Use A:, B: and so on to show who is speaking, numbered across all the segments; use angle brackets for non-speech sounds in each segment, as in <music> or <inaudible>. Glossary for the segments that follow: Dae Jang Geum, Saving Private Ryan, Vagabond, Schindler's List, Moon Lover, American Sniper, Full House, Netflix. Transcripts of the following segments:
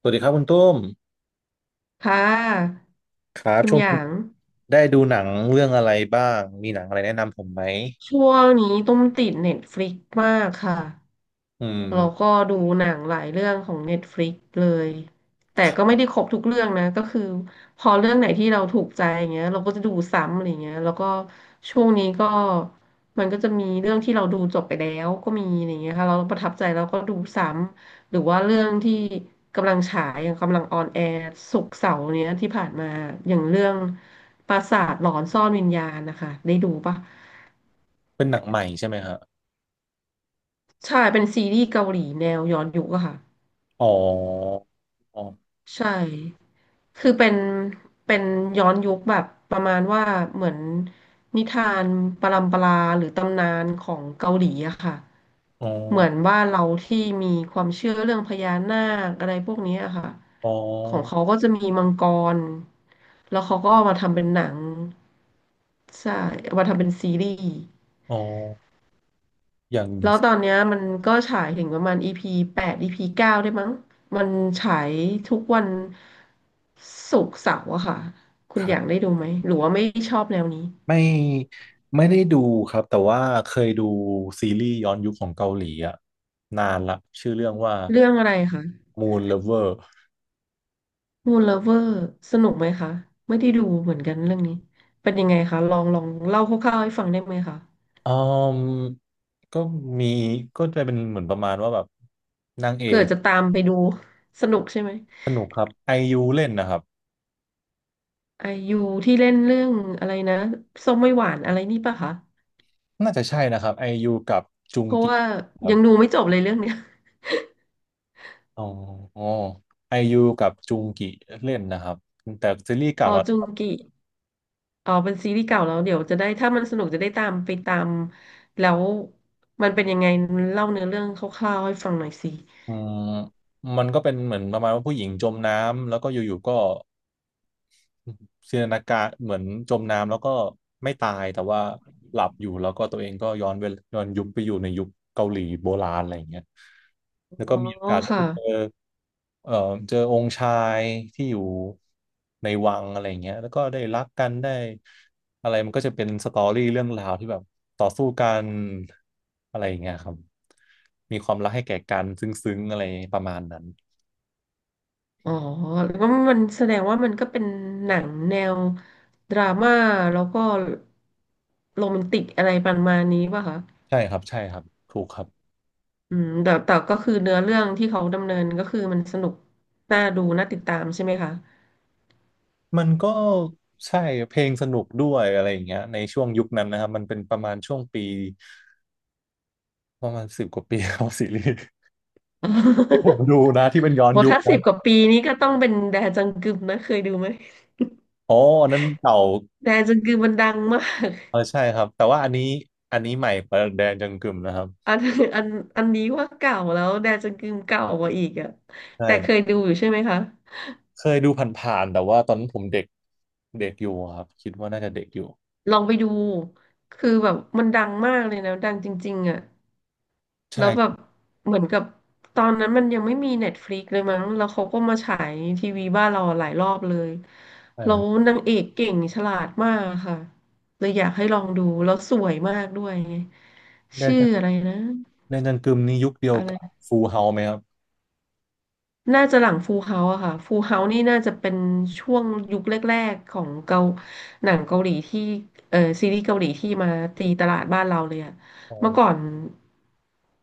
A: สวัสดีครับคุณตุ้ม
B: ค่ะ
A: ครับ
B: คุณ
A: ช่วง
B: ห
A: นี้
B: ยาง
A: ได้ดูหนังเรื่องอะไรบ้างมีหนังอะไรแนะนำผมไหม
B: ช่วงนี้ตุ้มติดเน็ตฟลิกมากค่ะ
A: อื
B: เราก็
A: ม
B: ดูหนังหลายเรื่องของ Netflix เลยแต่ก็ไม่ได้ครบทุกเรื่องนะก็คือพอเรื่องไหนที่เราถูกใจอย่างเงี้ยเราก็จะดูซ้ำอะไรเงี้ยแล้วก็ช่วงนี้ก็มันก็จะมีเรื่องที่เราดูจบไปแล้วก็มีอะไรเงี้ยค่ะเราประทับใจเราก็ดูซ้ำหรือว่าเรื่องที่กำลังฉายอย่างกำลังออนแอร์ศุกร์เสาร์เนี้ยที่ผ่านมาอย่างเรื่องปราสาทหลอนซ่อนวิญญาณนะคะได้ดูปะ
A: เป็นหนังใหม่ใช่ไหมฮะ
B: ใช่เป็นซีรีส์เกาหลีแนวย้อนยุคอะค่ะ
A: อ๋ออ๋อ
B: ใช่ คือเป็น เป็นย้อนยุคแบบประมาณว่าเหมือนนิทานปรัมปราหรือตำนานของเกาหลีอะค่ะ
A: อ๋อ
B: เหมือนว่าเราที่มีความเชื่อเรื่องพญานาคอะไรพวกนี้อะค่ะ
A: อ๋อ
B: ของเขาก็จะมีมังกร แล้วเขาก็เอามาทำเป็นหนังใช่เอามาทำเป็นซีรีส์
A: อ๋ออย่าง
B: แล้วตอนเนี้ยมันก็ฉายถึงประมาณ EP แปด EP เก้าได้มั้งมันฉายทุกวันศุกร์เสาร์อะค่ะ คุณ
A: ค
B: อ
A: รั
B: ยาก
A: บ
B: ได้ดูไหม หรือว่าไม่ชอบแนวนี้
A: ไม่ไม่ได้ดูครับแต่ว่าเคยดูซีรีส์ย้อนยุคของเกาหลีอะนานละชื่อเรื่องว่า
B: เรื่องอะไรคะ
A: Moon Lover
B: Moon Lover สนุกไหมคะไม่ได้ดูเหมือนกันเรื่องนี้เป็นยังไงคะลองเล่าคร่าวๆให้ฟังได้ไหมคะ
A: อืมก็มีก็จะเป็นเหมือนประมาณว่าแบบนางเอ
B: เผื่อ
A: ก
B: จะตามไปดูสนุกใช่ไหม
A: สนุกครับไอยูเล่นนะครับ
B: ไอยูที่เล่นเรื่องอะไรนะส้มไม่หวานอะไรนี่ปะคะ
A: น่าจะใช่นะครับไอยูกับจุง
B: เพราะ
A: กิ
B: ว่า
A: ครับ
B: ยังดูไม่จบเลยเรื่องเนี้ย
A: อ๋อไอยูกับจุงกิเล่นนะครับ แต่ซีรีส์
B: <laughs> อ
A: เก่า
B: อ
A: แล้ว
B: จุ
A: นะค
B: ง
A: รับ
B: กิ อ๋อเป็นซีรีส์เก่าแล้วเดี๋ยวจะได้ถ้ามันสนุกจะได้ตามไปตามแล้วมันเป็นยังไงเล่าเนื้อเรื่องคร่าวๆให้ฟังหน่อยสิ
A: อืมมันก็เป็นเหมือนประมาณว่าผู้หญิงจมน้ำแล้วก็อยู่ๆก็ จินตนาการเหมือนจมน้ำแล้วก็ไม่ตายแต่ว่าหลับอยู่แล้วก็ตัวเองก็ย้อนยุคไปอยู่ในยุคเกาหลีโบราณอะไรอย่างเงี้ยแล้ว
B: อ๋อ
A: ก็มีโอกาสได้ไป
B: ค่ะ
A: เจอเอ่อเจอองค์ชายที่อยู่ในวังอะไรอย่างเงี้ยแล้วก็ได้รักกันได้อะไรมันก็จะเป็นสตอรี่เรื่องราวที่แบบต่อสู้กันอะไรอย่างเงี้ยครับมีความรักให้แก่กันซึ้งๆอะไรประมาณนั้น
B: อ๋อแล้วก็มันแสดงว่ามันก็เป็นหนังแนวดราม่าแล้วก็โรแมนติกอะไรประมาณนี้ป่ะคะ
A: ใช่ครับถูกครับ
B: อืมแต่ก็คือเนื้อเรื่องที่เขาดำเนินก็คือมันสนุกน่าดูน่าติดตามใช่ไหมคะ
A: มันก็ใช่เพลงสนุกด้วยอะไรอย่างเงี้ยในช่วงยุคนั้นนะครับมันเป็นประมาณช่วงปีประมาณสิบกว่าปี <laughs> ของซีรีส์ที่ผม
B: <laughs>
A: ดูนะที่เป็นย้อน
B: โห
A: ยุค
B: ถ้าสิ
A: นะ
B: บกว่าปีนี้ก็ต้องเป็นแดจังกึมนะเคยดูไหม
A: อ๋ออันนั้นเก่า
B: แดจังกึมมันดังมาก
A: เออใช่ครับแต่ว่าอันนี้ใหม่ประแดงจังกึมนะครับ
B: <laughs> อันอันอันนี้ว่าเก่าแล้วแดจังกึมเก่ากว่าอีกอะ
A: ใช่
B: แต่
A: ค
B: เค
A: รั
B: ย
A: บ
B: ดูอยู่ใช่ไหมคะ
A: เคยดูผ่านๆแต่ว่าตอนนั้นผมเด็กเด็กอยู่ครับคิดว่าน่าจะเด็กอยู่
B: ลองไปดูคือแบบมันดังมากเลยนะดังจริงๆอะแล้
A: ใช่
B: วแบบเหมือนกับตอนนั้นมันยังไม่มีเน็ตฟลิกเลยมั้งแล้วเขาก็มาฉายทีวีบ้านเราหลายรอบเลย
A: ใช่
B: แล้
A: ครั
B: ว
A: บ
B: นางเอกเก่งฉลาดมากค่ะเลยอยากให้ลองดูแล้วสวยมากด้วยไง
A: แดง
B: ชื่อ
A: จัง
B: อะไรนะ
A: แดงจังกึมนี่ยุคเดียว
B: อะไร
A: กับฟูเฮาไหมครับ
B: น่าจะหลังฟูลเฮาส์อะค่ะฟูลเฮาส์นี่น่าจะเป็นช่วงยุคแรกๆของเกาหนังเกาหลีที่เออซีรีส์เกาหลีที่มาตีตลาดบ้านเราเลยอะ
A: อ๋อ
B: เมื่อก่อน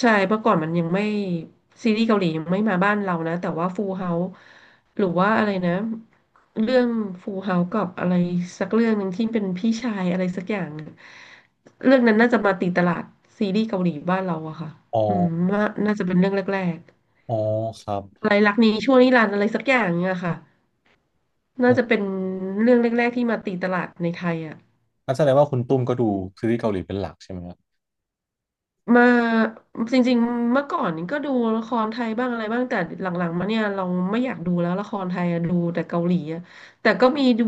B: ใช่เมื่อก่อนมันยังไม่ซีรีส์เกาหลียังไม่มาบ้านเรานะแต่ว่าฟูลเฮาส์หรือว่าอะไรนะเรื่องฟูลเฮาส์กับอะไรสักเรื่องหนึ่งที่เป็นพี่ชายอะไรสักอย่างอะเรื่องนั้นน่าจะมาตีตลาดซีรีส์เกาหลีบ้านเราอะค่ะ
A: อ๋อ
B: อืมว่าน่าจะเป็นเรื่องแรก
A: อ๋อครับ
B: อะไรรักนี้ชั่วนิรันดร์อะไรสักอย่างเนี่ยค่ะ
A: อื
B: น่าจะเป็
A: ม
B: นเรื่องแรกๆที่มาตีตลาดในไทยอ่ะ
A: อันแสดงว่าคุณตุ้มก็ดูซีรีส์เกาหลีเป็นหลักใช่ไหม
B: มาจริงๆเมื่อก่อนก็ดูละครไทยบ้างอะไรบ้างแต่หลังๆมาเนี่ยเราไม่อยากดูแล้วละครไทยอะดูแต่เกาหลีอะแต่ก็มีดู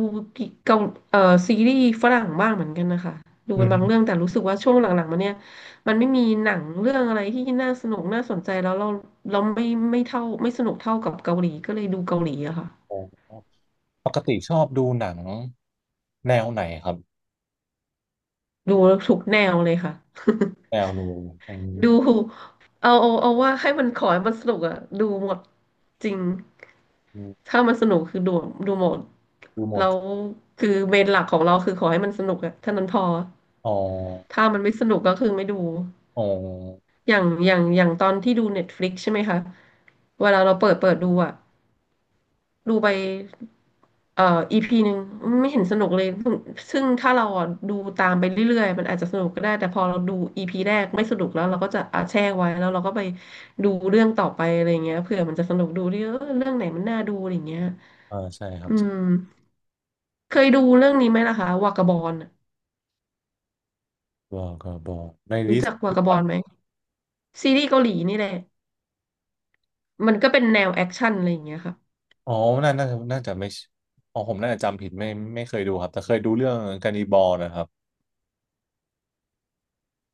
B: เกาเอ่อซีรีส์ฝรั่งบ้างเหมือนกันนะคะดู
A: อื
B: เป็นบางเรื่อง
A: ม
B: แต่รู้สึกว่าช่วงหลังๆมาเนี่ยมันไม่มีหนังเรื่องอะไรที่น่าสนุกน่าสนใจแล้วเราเราไม่ไม่เท่าไม่สนุกเท่ากับเกาหลีก็เลยดูเกาหลีอะค่ะ
A: โอ้ปกติชอบดูหนังแนวไหนครับ
B: ดูทุกแนวเลยค่ะ <laughs>
A: แนวดูอื
B: ดู
A: ม
B: เอาว่าให้มันขอให้มันสนุกอะดูหมดจริง
A: อืม
B: ถ้ามันสนุกคือดูหมด
A: ดูหม
B: แล้
A: ด
B: วคือเมนหลักของเราคือขอให้มันสนุกอะเท่านั้นพอ
A: อ๋อ
B: ถ้ามันไม่สนุกก็คือไม่ดู
A: อ๋อ
B: อย่างตอนที่ดูเน็ตฟลิกใช่ไหมคะเวลาเราเปิดดูอะ ดูไปเอ่ออีพีหนึ่งไม่เห็นสนุกเลยซึ่งถ้าเราอ่ะดูตามไปเรื่อยๆมันอาจจะสนุกก็ได้แต่พอเราดูอีพีแรกไม่สนุกแล้วเราก็จะอาแช่ไว้แล้วเราก็ไปดูเรื่องต่อไปอะไรเงี้ยเผื่อมันจะสนุกดูดิเออเรื่องไหนมันน่าดูอะไรเงี้ย
A: อ่าใช่ครับ
B: อืมเคยดูเรื่องนี้ไหมล่ะคะวากาบอล
A: บอกก็บอกในลิ
B: รู้
A: ส
B: จั
A: ต์
B: กวากาบอลไหมซีรีส์เกาหลีนี่แหละมันก็เป็นแนวแอคชั่นอะไรอย่างเงี้ยค่ะ
A: อ๋อน่าน่าน่าจะไม่ใช่อ๋อผมน่าจะจำผิดไม่เคยดูครับแต่เคยดูเรื่องการนิบอลนะครับ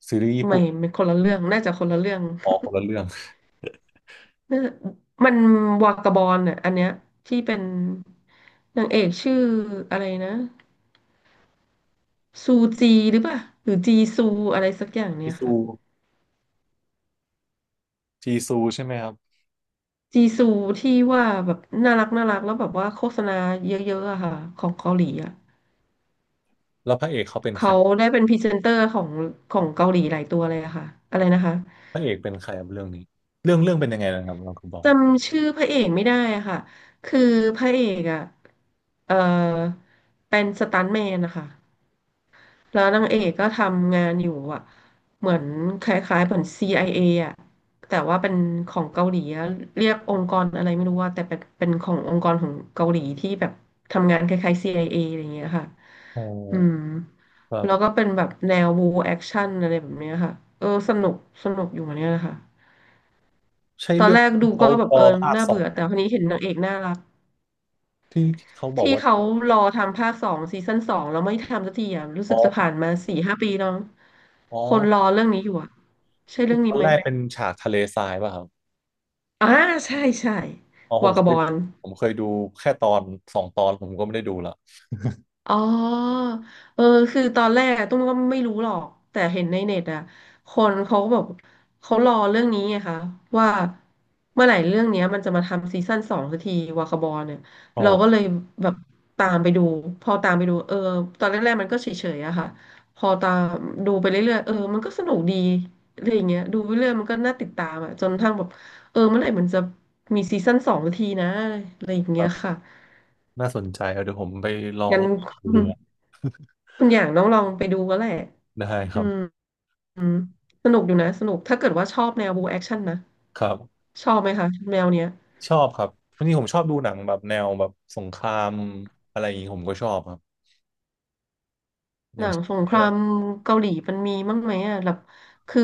A: ซีรีส์ญี่
B: ไม่
A: ปุ่น
B: มันคนละเรื่องน่าจะคนละเรื่อง
A: อ๋อคนละเรื่อง
B: เออมันวากาบอลอ่ะอันเนี้ยที่เป็นนางเอกชื่ออะไรนะซูจีหรือเปล่าหรือจีซูอะไรสักอย่าง
A: จี
B: เนี่ย
A: ซู
B: ค่ะ
A: จีซู <laughs> ใช่ไหมครับ
B: จีซูที่ว่าแบบน่ารักน่ารักแล้วแบบว่าโฆษณาเยอะๆอะค่ะของเกาหลีอะ
A: แล้วพระเอกเขาเป็นใคร
B: เขาได้เป็นพรีเซนเตอร์ของของเกาหลีหลายตัวเลยอะค่ะอะไรนะคะ
A: พระเอกเป็นใครครับเรื่องนี้เรื่องเป็นยังไงนะครับเราก็บอก
B: จำชื่อพระเอกไม่ได้อะค่ะคือพระเอกอะเออเป็นสตันท์แมนนะคะ แล้วนางเอกก็ทำงานอยู่อ่ะเหมือนคล้ายๆเหมือน CIA อเออ่ะแต่ว่าเป็นของเกาหลีอะเรียกองค์กรอะไรไม่รู้ว่าแต่เป็นขององค์กรของเกาหลีที่แบบทำงานคล้ายๆ CIA อเออะไรอย่างเงี้ยค่ะ
A: อ๋อ
B: อืม
A: ครั
B: แล้ว
A: บ
B: ก็เป็นแบบแนวบูแอคชั่นอะไรแบบเนี้ยค่ะสนุกสนุกอยู่เหมือนกันนะคะ
A: ใช่
B: ตอน
A: เรื่อง
B: แรก
A: ที่
B: ดู
A: เขา
B: ก็แบบ
A: รอ
B: เออ
A: ภาค
B: น่า
A: สอ
B: เบื่
A: ง
B: อแต่คนนี้เห็นนางเอกน่ารัก
A: ที่เขาบอก
B: ที่
A: ว่า
B: เขารอทำภาคสองซีซั่นสองแล้วไม่ทำสักทีอ่ะรู้
A: อ๋
B: สึกจะ
A: อ
B: ผ่านมาสี่ห้าปีแล้ว
A: อ๋อ
B: คนรอเรื่องนี้อยู่อ่ะใช่เรื่อง
A: ต
B: นี้
A: อน
B: ไหม
A: แรกเป็นฉากทะเลทรายป่ะครับ
B: อ่าใช่ใช่
A: อ๋อผ
B: วา
A: มเค
B: กาบ
A: ย
B: อล
A: ผมเคยดูแค่ตอนสองตอนผมก็ไม่ได้ดูละ <laughs>
B: อ๋อเออคือตอนแรกอะตุ้มก็ไม่รู้หรอกแต่เห็นในเน็ตอะคนเขาก็บอกเขารอเรื่องนี้ไงคะว่าเมื่อไหร่เรื่องเนี้ยมันจะมาทำซีซั่นสองสักทีวาคาบอลเนี่ย
A: อ๋อ
B: เราก็เลยแบบตามไปดูพอตามไปดูตอนแรกๆมันก็เฉยๆอะค่ะพอตามดูไปเรื่อยๆเออมันก็สนุกดีอะไรอย่างเงี้ยดูไปเรื่อยมันก็น่าติดตามอะจนกระทั่งแบบเออเมื่อไหร่มันจะมีซีซั่นสองสักทีนะอะไรอย่าง
A: ค
B: เงี้
A: รั
B: ย
A: บ
B: ค่ะ
A: น่าสนใจเอาเดี๋ยวผมไปลอง
B: งั้น
A: ดูดู
B: คุณอย่างน้องลองไปดูก็แหละ
A: ได้ค
B: อื
A: รั
B: ม
A: บ
B: อืมสนุกอยู่นะสนุกถ้าเกิดว่าชอบแนวบูแอคชั่นนะ
A: ครับ
B: ชอบไหมคะแนวเนี้ย
A: ชอบครับวันนี้ผมชอบดูหนังแบบแนวแบบสงครามอะไรอย่างนี้ผมก็ชอบครับอ
B: หนั
A: ย่าง
B: ง
A: เช่
B: สง
A: น
B: ครามเกาหลีมันมีมั้างไหมอ่ะแบบคือ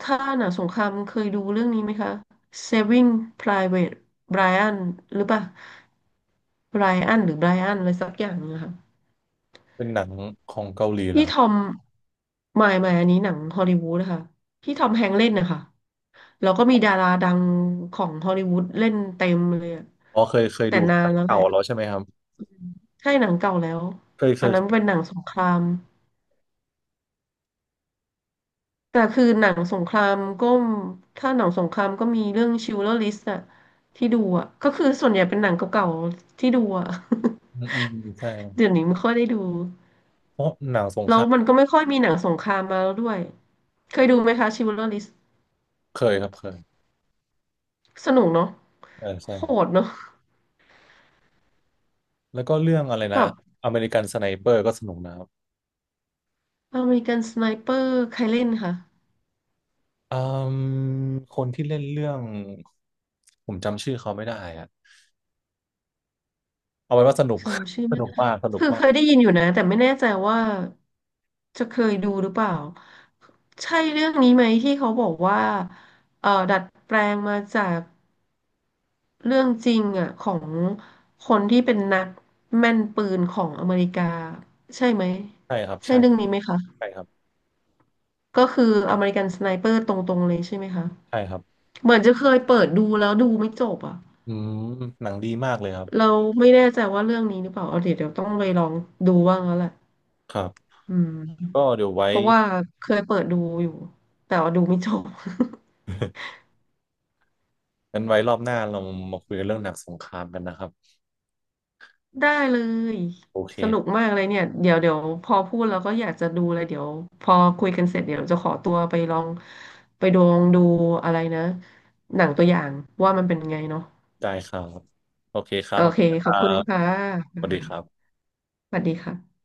B: ถ้าหนังสงครามเคยดูเรื่องนี้ไหมคะ Saving Private Ryan หรือเปล่า Ryan หรือ Brian อะไรสักอย่างนะคะ
A: เป็นหนังของเกาหลีเหรอ
B: พี่
A: ครั
B: ทอ
A: บ
B: มหมายหมายอันนี้หนังฮอลลีวูดนะคะพี่ทอมแฮงค์เล่นนะคะแล้วก็มีดาราดังของฮอลลีวูดเล่นเต็มเลยอะ
A: อ๋อเคยเคย
B: แต่
A: ดู
B: นา
A: เ
B: นแล้วแห
A: ก่า
B: ละ
A: แล้วใช่ไหมครับ
B: ใช่หนังเก่าแล้ว
A: เคยเค
B: อัน
A: ย
B: นั้น
A: เค
B: เป็น
A: ย
B: หนังสงคราม แต่คือหนังสงครามก็มถ้าหนังสงครามก็มีเรื่องชิลเลอร์ลิสต์อะที่ดูอะก็คือส่วนใหญ่เป็นหนังเก่าๆที่ดูอะ
A: อื
B: <laughs>
A: มอืมใช่ครับ
B: เดี๋ยวนี้ไม่ค่อยได้ดู
A: เพราะหนังสงค
B: แล้ว
A: ราม
B: มันก็ไม่ค่อยมีหนังสงครามมาแล้วด้วยเคยดูไหมคะชิลเลอร์ลิสต์
A: เคยครับเคย
B: สนุกเนาะ
A: เออใช่
B: โหดเนาะ
A: แล้วก็เรื่องอะไร
B: แบ
A: นะ
B: บ
A: อเมริกันสไนเปอร์ก็สนุกนะครับ
B: อเมริกันสไนเปอร์ใครเล่นค่ะ
A: อืมคนที่เล่นเรื่องผมจำชื่อเขาไม่ได้อะเอาไว้ว่าสนุก
B: จำชื่อ
A: <laughs> ส
B: ไม่
A: นุกมากสนุก
B: คือ
A: มา
B: เค
A: ก
B: ยได้ยินอยู่นะแต่ไม่แน่ใจว่าจะเคยดูหรือเปล่าใช่เรื่องนี้ไหมที่เขาบอกว่าดัดแปลงมาจากเรื่องจริงอ่ะของคนที่เป็นนักแม่นปืนของอเมริกาใช่ไหม
A: ใช่ครับ
B: ใช่
A: ใช่
B: เรื่องนี้ไหมคะ
A: ใช่ครับ
B: ก็คืออเมริกันสไนเปอร์ตรงๆเลยใช่ไหมคะ
A: ใช่ครับ
B: เหมือนจะเคยเปิดดูแล้วดูไม่จบอ่ะ
A: อืมหนังดีมากเลยครับ
B: เราไม่แน่ใจว่าเรื่องนี้หรือเปล่าเอาเดี๋ยวเดี๋ยวต้องไปลองดูบ้างแล้วแหละ
A: ครับ
B: อืม
A: ก็เดี๋ยวไว้
B: เพราะว่าเคยเปิดดูอยู่แต่ว่าดูไม่จบ <laughs>
A: <laughs> งั้นไว้รอบหน้าเรามาคุยกันเรื่องหนังสงครามกันนะครับ
B: ได้เลย
A: โอเค
B: สนุกมากเลยเนี่ยเดี๋ยวเดี๋ยวพอพูดแล้วก็อยากจะดูเลยเดี๋ยวพอคุยกันเสร็จเดี๋ยวจะขอตัวไปลองไปดองดูอะไรนะหนังตัวอย่างว่ามันเป็นไงเนาะ
A: ได้ครับโอเคครั
B: โอ
A: บขอบ
B: เค
A: คุณค
B: ขอบ
A: รั
B: คุณ
A: บ
B: ค่ะ
A: สวัสดีครับ
B: สวัสดีค่ะ